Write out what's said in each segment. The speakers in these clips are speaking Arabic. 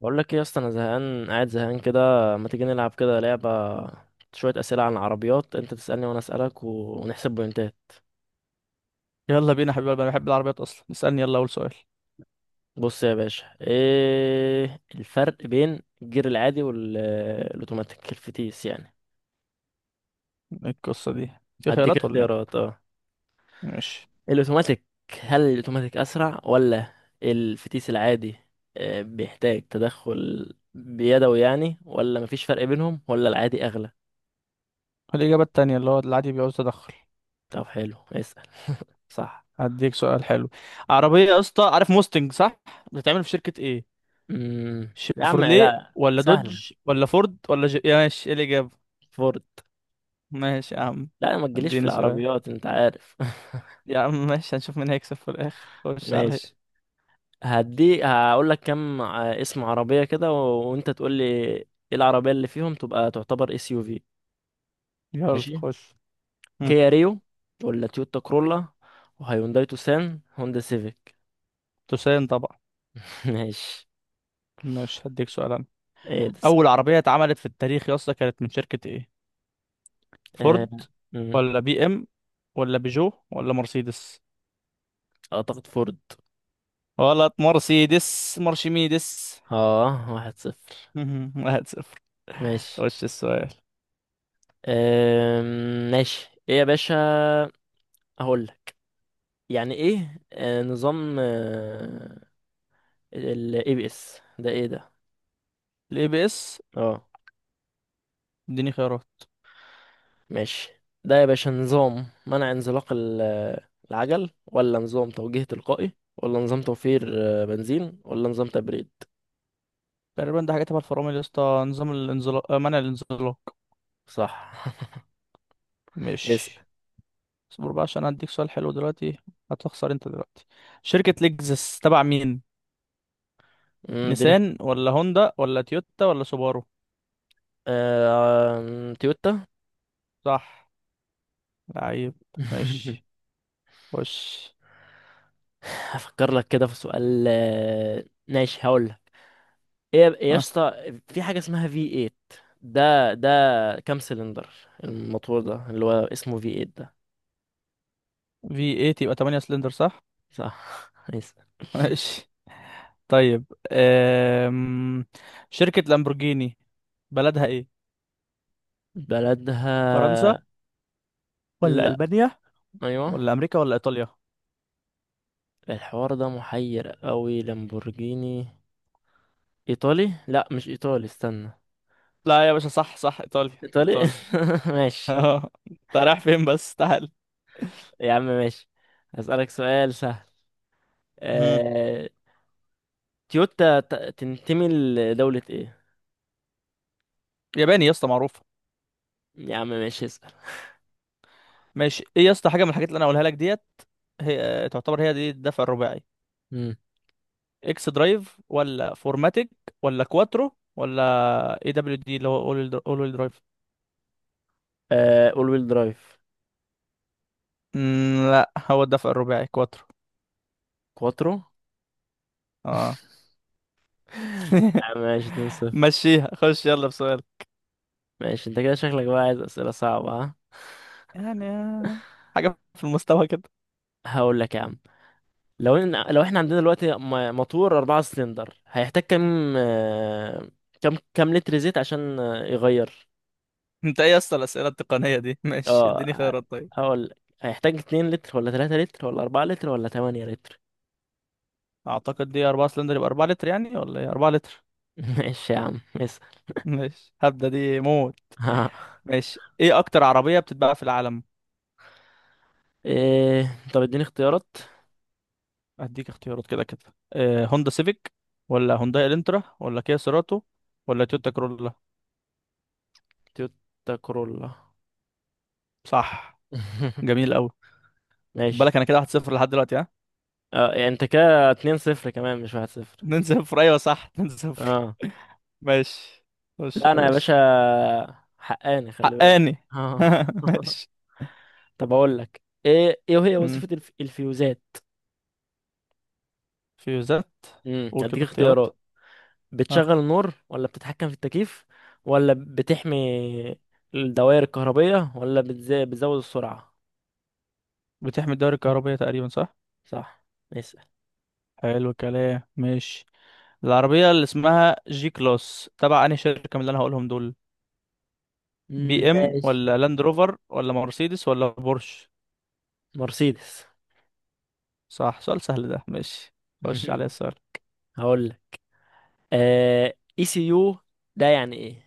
بقول لك ايه يا اسطى، انا زهقان قاعد زهقان كده. ما تيجي نلعب كده لعبه، شويه اسئله عن العربيات، انت تسالني وانا اسالك ونحسب بوينتات. يلا بينا يا حبيبي قلبي، انا بحب العربيات اصلا. اسالني يلا اول سؤال. بص يا باشا، ايه الفرق بين الجير العادي والاوتوماتيك، الفتيس يعني؟ إيه القصه دي؟ في هديك خيارات ولا ايه؟ اختيارات. اه، ماشي. الاوتوماتيك. هل الاوتوماتيك اسرع ولا الفتيس العادي؟ بيحتاج تدخل بيدوي يعني، ولا مفيش فرق بينهم، ولا العادي اغلى؟ الاجابه التانية اللي هو العادي بيعوز تدخل. طب حلو اسال. صح. هديك سؤال حلو. عربيه يا اسطى، عارف موستنج صح؟ بتتعمل في شركه ايه؟ يا عم، شيفروليه لا ولا سهل. دوج ولا فورد ولا جي؟ يا ماشي ايه الاجابه؟ فورد. ماشي يا عم. لا ما تجيليش في اديني سؤال. العربيات انت عارف. يا عم ماشي، هنشوف مين هيكسب في الاخر. خش عليا. ماشي. هدي هقول لك كم اسم عربية كده وانت تقول لي ايه العربية اللي فيهم تبقى تعتبر اس يو في. يلا ماشي. خش. هم، كيا ريو، ولا تويوتا كرولا، وهيونداي توسان، هوندا سيفيك. تسالني طبعا. ماشي. ماشي هديك سؤال انا. ايه ده؟ اول عربيه اتعملت في التاريخ يا اسطى كانت من شركه ايه؟ اه... فورد مم. ولا بي ام ولا بيجو ولا مرسيدس؟ اعتقد فورد. غلط، مرسيدس مرشميدس. اه، واحد صفر. واحد صفر. ماشي. وش السؤال؟ ماشي، ايه يا باشا؟ هقول لك. يعني ايه نظام الاي بي اس ده؟ ايه ده؟ الاي بي اس؟ اه. اديني خيارات. ماشي. ده يا باشا نظام منع انزلاق العجل، ولا نظام توجيه تلقائي، ولا نظام توفير بنزين، ولا نظام تبريد؟ تقريبا ده حاجه تبع الفرامل يا اسطى، نظام الانزلاق، منع الانزلاق. صح. مش؟ اسأل. اصبر بقى عشان هديك سؤال حلو دلوقتي. هتخسر انت دلوقتي. شركه لexus تبع مين؟ اديني نيسان ولا هوندا ولا تويوتا ولا سوبارو؟ آه، آم، تويوتا. صح، لعيب. ماشي خش. هفكر لك كده في سؤال. ماشي. هقول لك. ايه يا ها، اسطى، في حاجة اسمها في 8؟ ده كام سلندر الموتور ده، اللي هو اسمه في 8 ده؟ في 8 يبقى 8 سلندر صح؟ صح. اسأل. ماشي طيب. شركة لامبورجيني بلدها ايه؟ فرنسا بلدها. ولا لا. ألبانيا ايوه. ولا أمريكا ولا إيطاليا؟ الحوار ده محير قوي. لامبورجيني ايطالي. لا مش ايطالي استنى. لا يا باشا، صح صح، إيطاليا ايطالي. إيطاليا. ماشي. اه انت رايح فين بس؟ تعال. يا عم ماشي. هسألك سؤال سهل. مم. آه... تويوتا تنتمي لدولة ايه؟ ياباني يا اسطى معروفة. يا عم ماشي اسأل. ماشي، ايه يا اسطى حاجة من الحاجات اللي انا هقولها لك ديت هي تعتبر هي دي الدفع الرباعي؟ مم. اكس درايف ولا فورماتيك ولا كواترو ولا اي دبليو دي اللي هو اول درايف؟ آه... اول ويل درايف. لا، هو الدفع الرباعي كواترو. كواترو. اه. يا عم ماشي 2 صفر. مشيها. خش يلا بسؤال. ماشي. انت كده شكلك بقى عايز اسئلة صعبة، ها؟ يعني حاجة في المستوى كده. هقول لك يا عم. لو احنا عندنا دلوقتي موتور أربعة سلندر، هيحتاج كام كام لتر زيت عشان يغير؟ انت ايه يا اسطى الأسئلة التقنية دي؟ ماشي اديني اه. خيارات طيب. هقول. هيحتاج اتنين لتر، ولا تلاتة لتر، ولا أربعة لتر، ولا تمانية لتر؟ اعتقد دي 4 سلندر يبقى 4 لتر يعني، ولا ايه؟ 4 لتر. ماشي يا عم اسأل. ماشي هبدأ دي موت. ماشي، ايه اكتر عربية بتتباع في العالم؟ إيه؟ طب اديني اختيارات. اديك اختيارات كده كده، إيه؟ هوندا سيفيك ولا هونداي الانترا ولا كيا سيراتو ولا تويوتا كرولا؟ تويوتا كورولا. صح، جميل قوي. خد ماشي. بالك انا كده 1 0 لحد دلوقتي، ها. اه، يعني انت كده اتنين صفر كمان، مش واحد صفر؟ 2 0 ايوه صح 2 0. اه. ماشي. خش لا يا انا يا باشا. باشا حقاني خلي بالك. حقاني. اه. ماشي. طب اقول لك ايه. ايه هي مم. وظيفة الفيوزات؟ فيوزات. قول هديك كده اختيارات. اختيارات. ها. بتشغل النور، ولا بتتحكم في التكييف، ولا بتحمي الدوائر الكهربية، ولا بتزود السرعة؟ بتحمي الدوائر الكهربية تقريبا، صح. صح. اسأل. حلو الكلام، ماشي. العربية اللي اسمها جي كلاس تبع أنهي شركة من اللي أنا هقولهم دول؟ مم، بي إم ماشي. ولا لاند روفر ولا مرسيدس ولا بورش؟ مرسيدس. صح، سؤال سهل ده، ماشي. خش عليا السؤال. هقول لك. آه... اي سي يو ده يعني ايه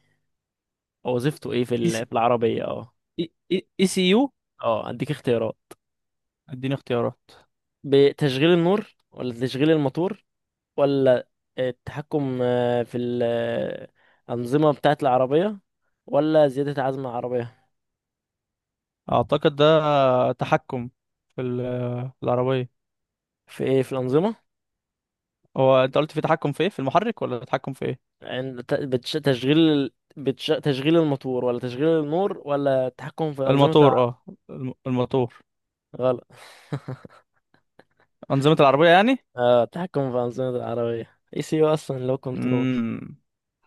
أو وظيفته ايه في اي سي في العربية؟ اه. اي اي إي سي يو. اه، هديك اختيارات. اديني اختيارات. بتشغيل النور، ولا تشغيل الموتور، ولا التحكم في الأنظمة بتاعة العربية، ولا زيادة عزم العربية؟ اعتقد ده تحكم في العربية. في ايه؟ في الأنظمة. هو انت قلت في تحكم في ايه؟ في المحرك ولا تحكم في ايه؟ عند تشغيل تشغيل الموتور، ولا تشغيل النور، ولا التحكم في أنظمة الموتور، اه، الموتور. غلط. أنظمة العربية يعني. اه، التحكم في أنظمة العربية، اي سي يو اصلا لو كنترول. امم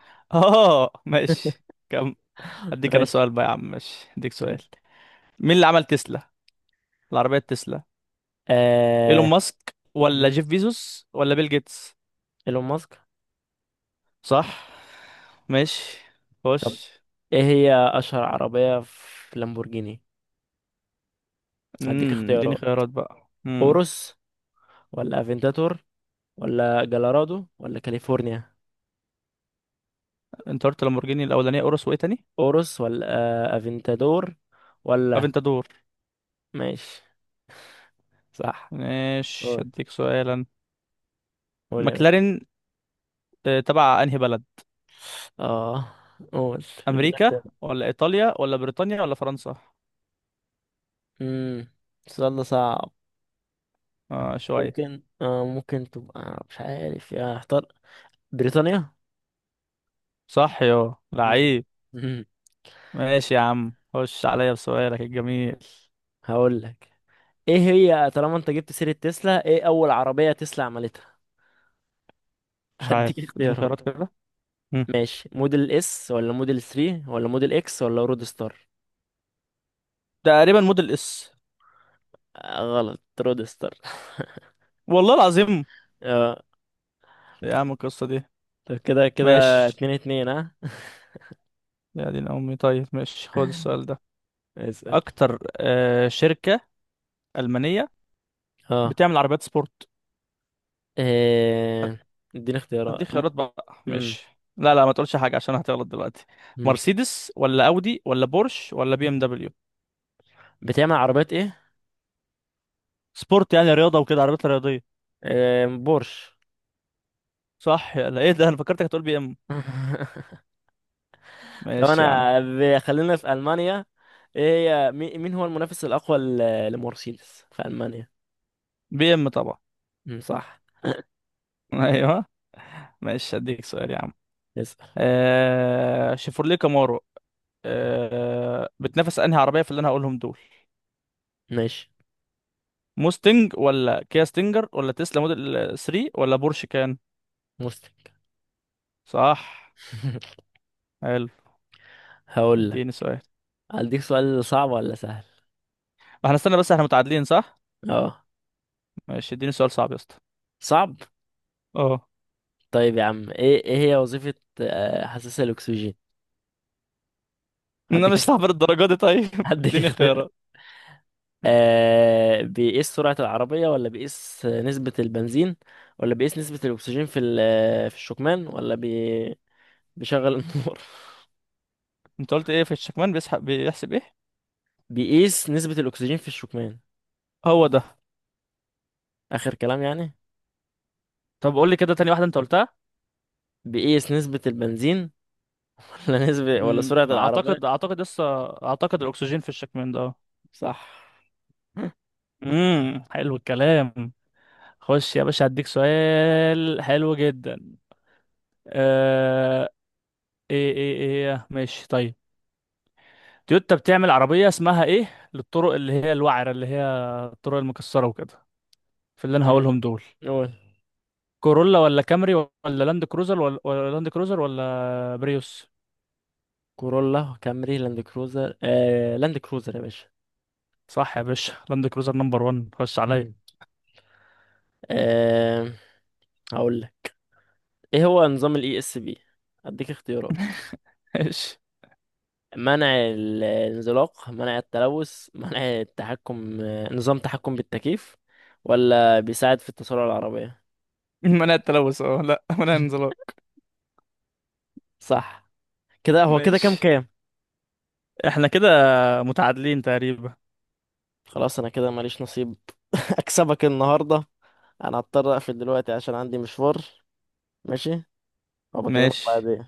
اه ماشي. كم. اديك انا ماشي. سؤال بقى يا عم، ماشي اديك سؤال. مين اللي عمل تسلا، العربية تسلا؟ ايلون آه... ماسك ولا مم. جيف بيزوس ولا بيل جيتس؟ ايلون ماسك. صح، ماشي، خش. ايه هي اشهر عربية في لامبورجيني؟ هديك اديني اختيارات. خيارات بقى. اورس، ولا افنتاتور، ولا جلورادو، ولا كاليفورنيا. انت قلت لامبورجيني الاولانية اورس، وايه تاني؟ اوروس، ولا افنتادور، ولا. افنتادور. ماشي. صح. ماشي قول. اديك سؤالا. قول يا باشا. ماكلارين تبع انهي بلد؟ اه. قول. ادينا امريكا اختيار. ولا ايطاليا ولا بريطانيا ولا فرنسا؟ امم السؤال ده صعب. اه شوية. ممكن تبقى مش عارف. يا اختار بريطانيا. صح، يو مم. لعيب. مم. ماشي يا عم، خش عليا بسؤالك الجميل. هقول لك. ايه هي طالما انت جبت سيرة تسلا، ايه اول عربية تسلا عملتها؟ مش هديك عارف اديني خيارات اختيارات. كده. مم. ماشي. موديل اس، ولا موديل 3، ولا موديل اكس، ولا رود ستار؟ تقريبا موديل اس. آه، غلط. رودستر. والله العظيم. اه. يا عم القصة دي. طب كده كده ماشي. اتنين اتنين ها. يا دين امي، طيب ماشي خد السؤال ده. اسأل. اكتر شركة ألمانية اه. بتعمل عربيات سبورت؟ إيه... اديني اديك اختيارات خيارات بقى مم. ماشي. لا لا ما تقولش حاجة عشان هتغلط دلوقتي. مم. مرسيدس ولا اودي ولا بورش ولا بي ام دبليو؟ بتعمل عربيات ايه؟ سبورت يعني رياضة وكده، عربيات رياضية. إيه... بورش. صح، يلا ايه ده، انا فكرتك هتقول بي ام. طب ماشي يا عم. انا خلينا في المانيا. ايه هي مين هو المنافس الاقوى لمرسيدس في المانيا؟ بي ام طبعا. مم، صح. ايوه. ماشي هديك سؤال يا عم. اسأل. شيفروليه كامارو بتنافس انهي عربيه في اللي انا هقولهم دول؟ ماشي. موستنج ولا كيا ستينجر ولا تسلا موديل 3 ولا بورش كان؟ مسلم. صح، حلو. هقول لك. اديني سؤال. هديك سؤال صعب ولا سهل؟ احنا استنى بس، احنا متعادلين صح؟ اه، ماشي اديني سؤال صعب يا اسطى. صعب. اه. طيب يا عم، ايه هي وظيفة حساس الأكسجين؟ انا هديك. مش هعبر الدرجه دي طيب. هديك اديني اختيار. خيارات. آه، بيقيس سرعة العربية، ولا بيقيس نسبة البنزين، ولا بيقيس نسبة الأكسجين في في الشكمان، ولا بيشغل النور؟ انت قلت ايه في الشكمان؟ بيحسب ايه؟ بيقيس نسبة الأكسجين في الشكمان، هو ده. آخر كلام يعني. طب قول لي كده تاني واحده انت قلتها. بيقيس نسبة البنزين. ولا نسبة ولا مم، سرعة اعتقد العربية. اعتقد لسه. اعتقد الاكسجين في الشكمان ده. صح. حلو الكلام. خش يا باشا هديك سؤال حلو جدا. آه... ايه ايه ايه إيه. ماشي طيب. تويوتا بتعمل عربية اسمها ايه للطرق اللي هي الوعرة، اللي هي الطرق المكسرة وكده، في اللي انا مم. هقولهم دول؟ قول. كورولا ولا كامري ولا لاند كروزر ولا لاند كروزر ولا بريوس؟ كورولا، كامري، لاند كروزر، آه لاند كروزر يا باشا. صح يا باشا، لاند كروزر نمبر 1، خش عليا. آه. هقول لك. ايه هو نظام الاي اس بي؟ اديك اختيارات. ماشي. منع الانزلاق، منع التلوث، منع التحكم، نظام تحكم بالتكييف، ولا بيساعد في التسارع العربية؟ منع التلوث، لا منع الانزلاق. صح. كده هو كده كام ماشي كام احنا كده متعادلين تقريبا. خلاص انا كده ماليش نصيب. اكسبك النهاردة. انا هضطر اقفل دلوقتي عشان عندي مشوار. ماشي. وبكلمك ماشي، بعدين.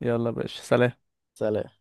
يلا يا باشا، سلام. سلام.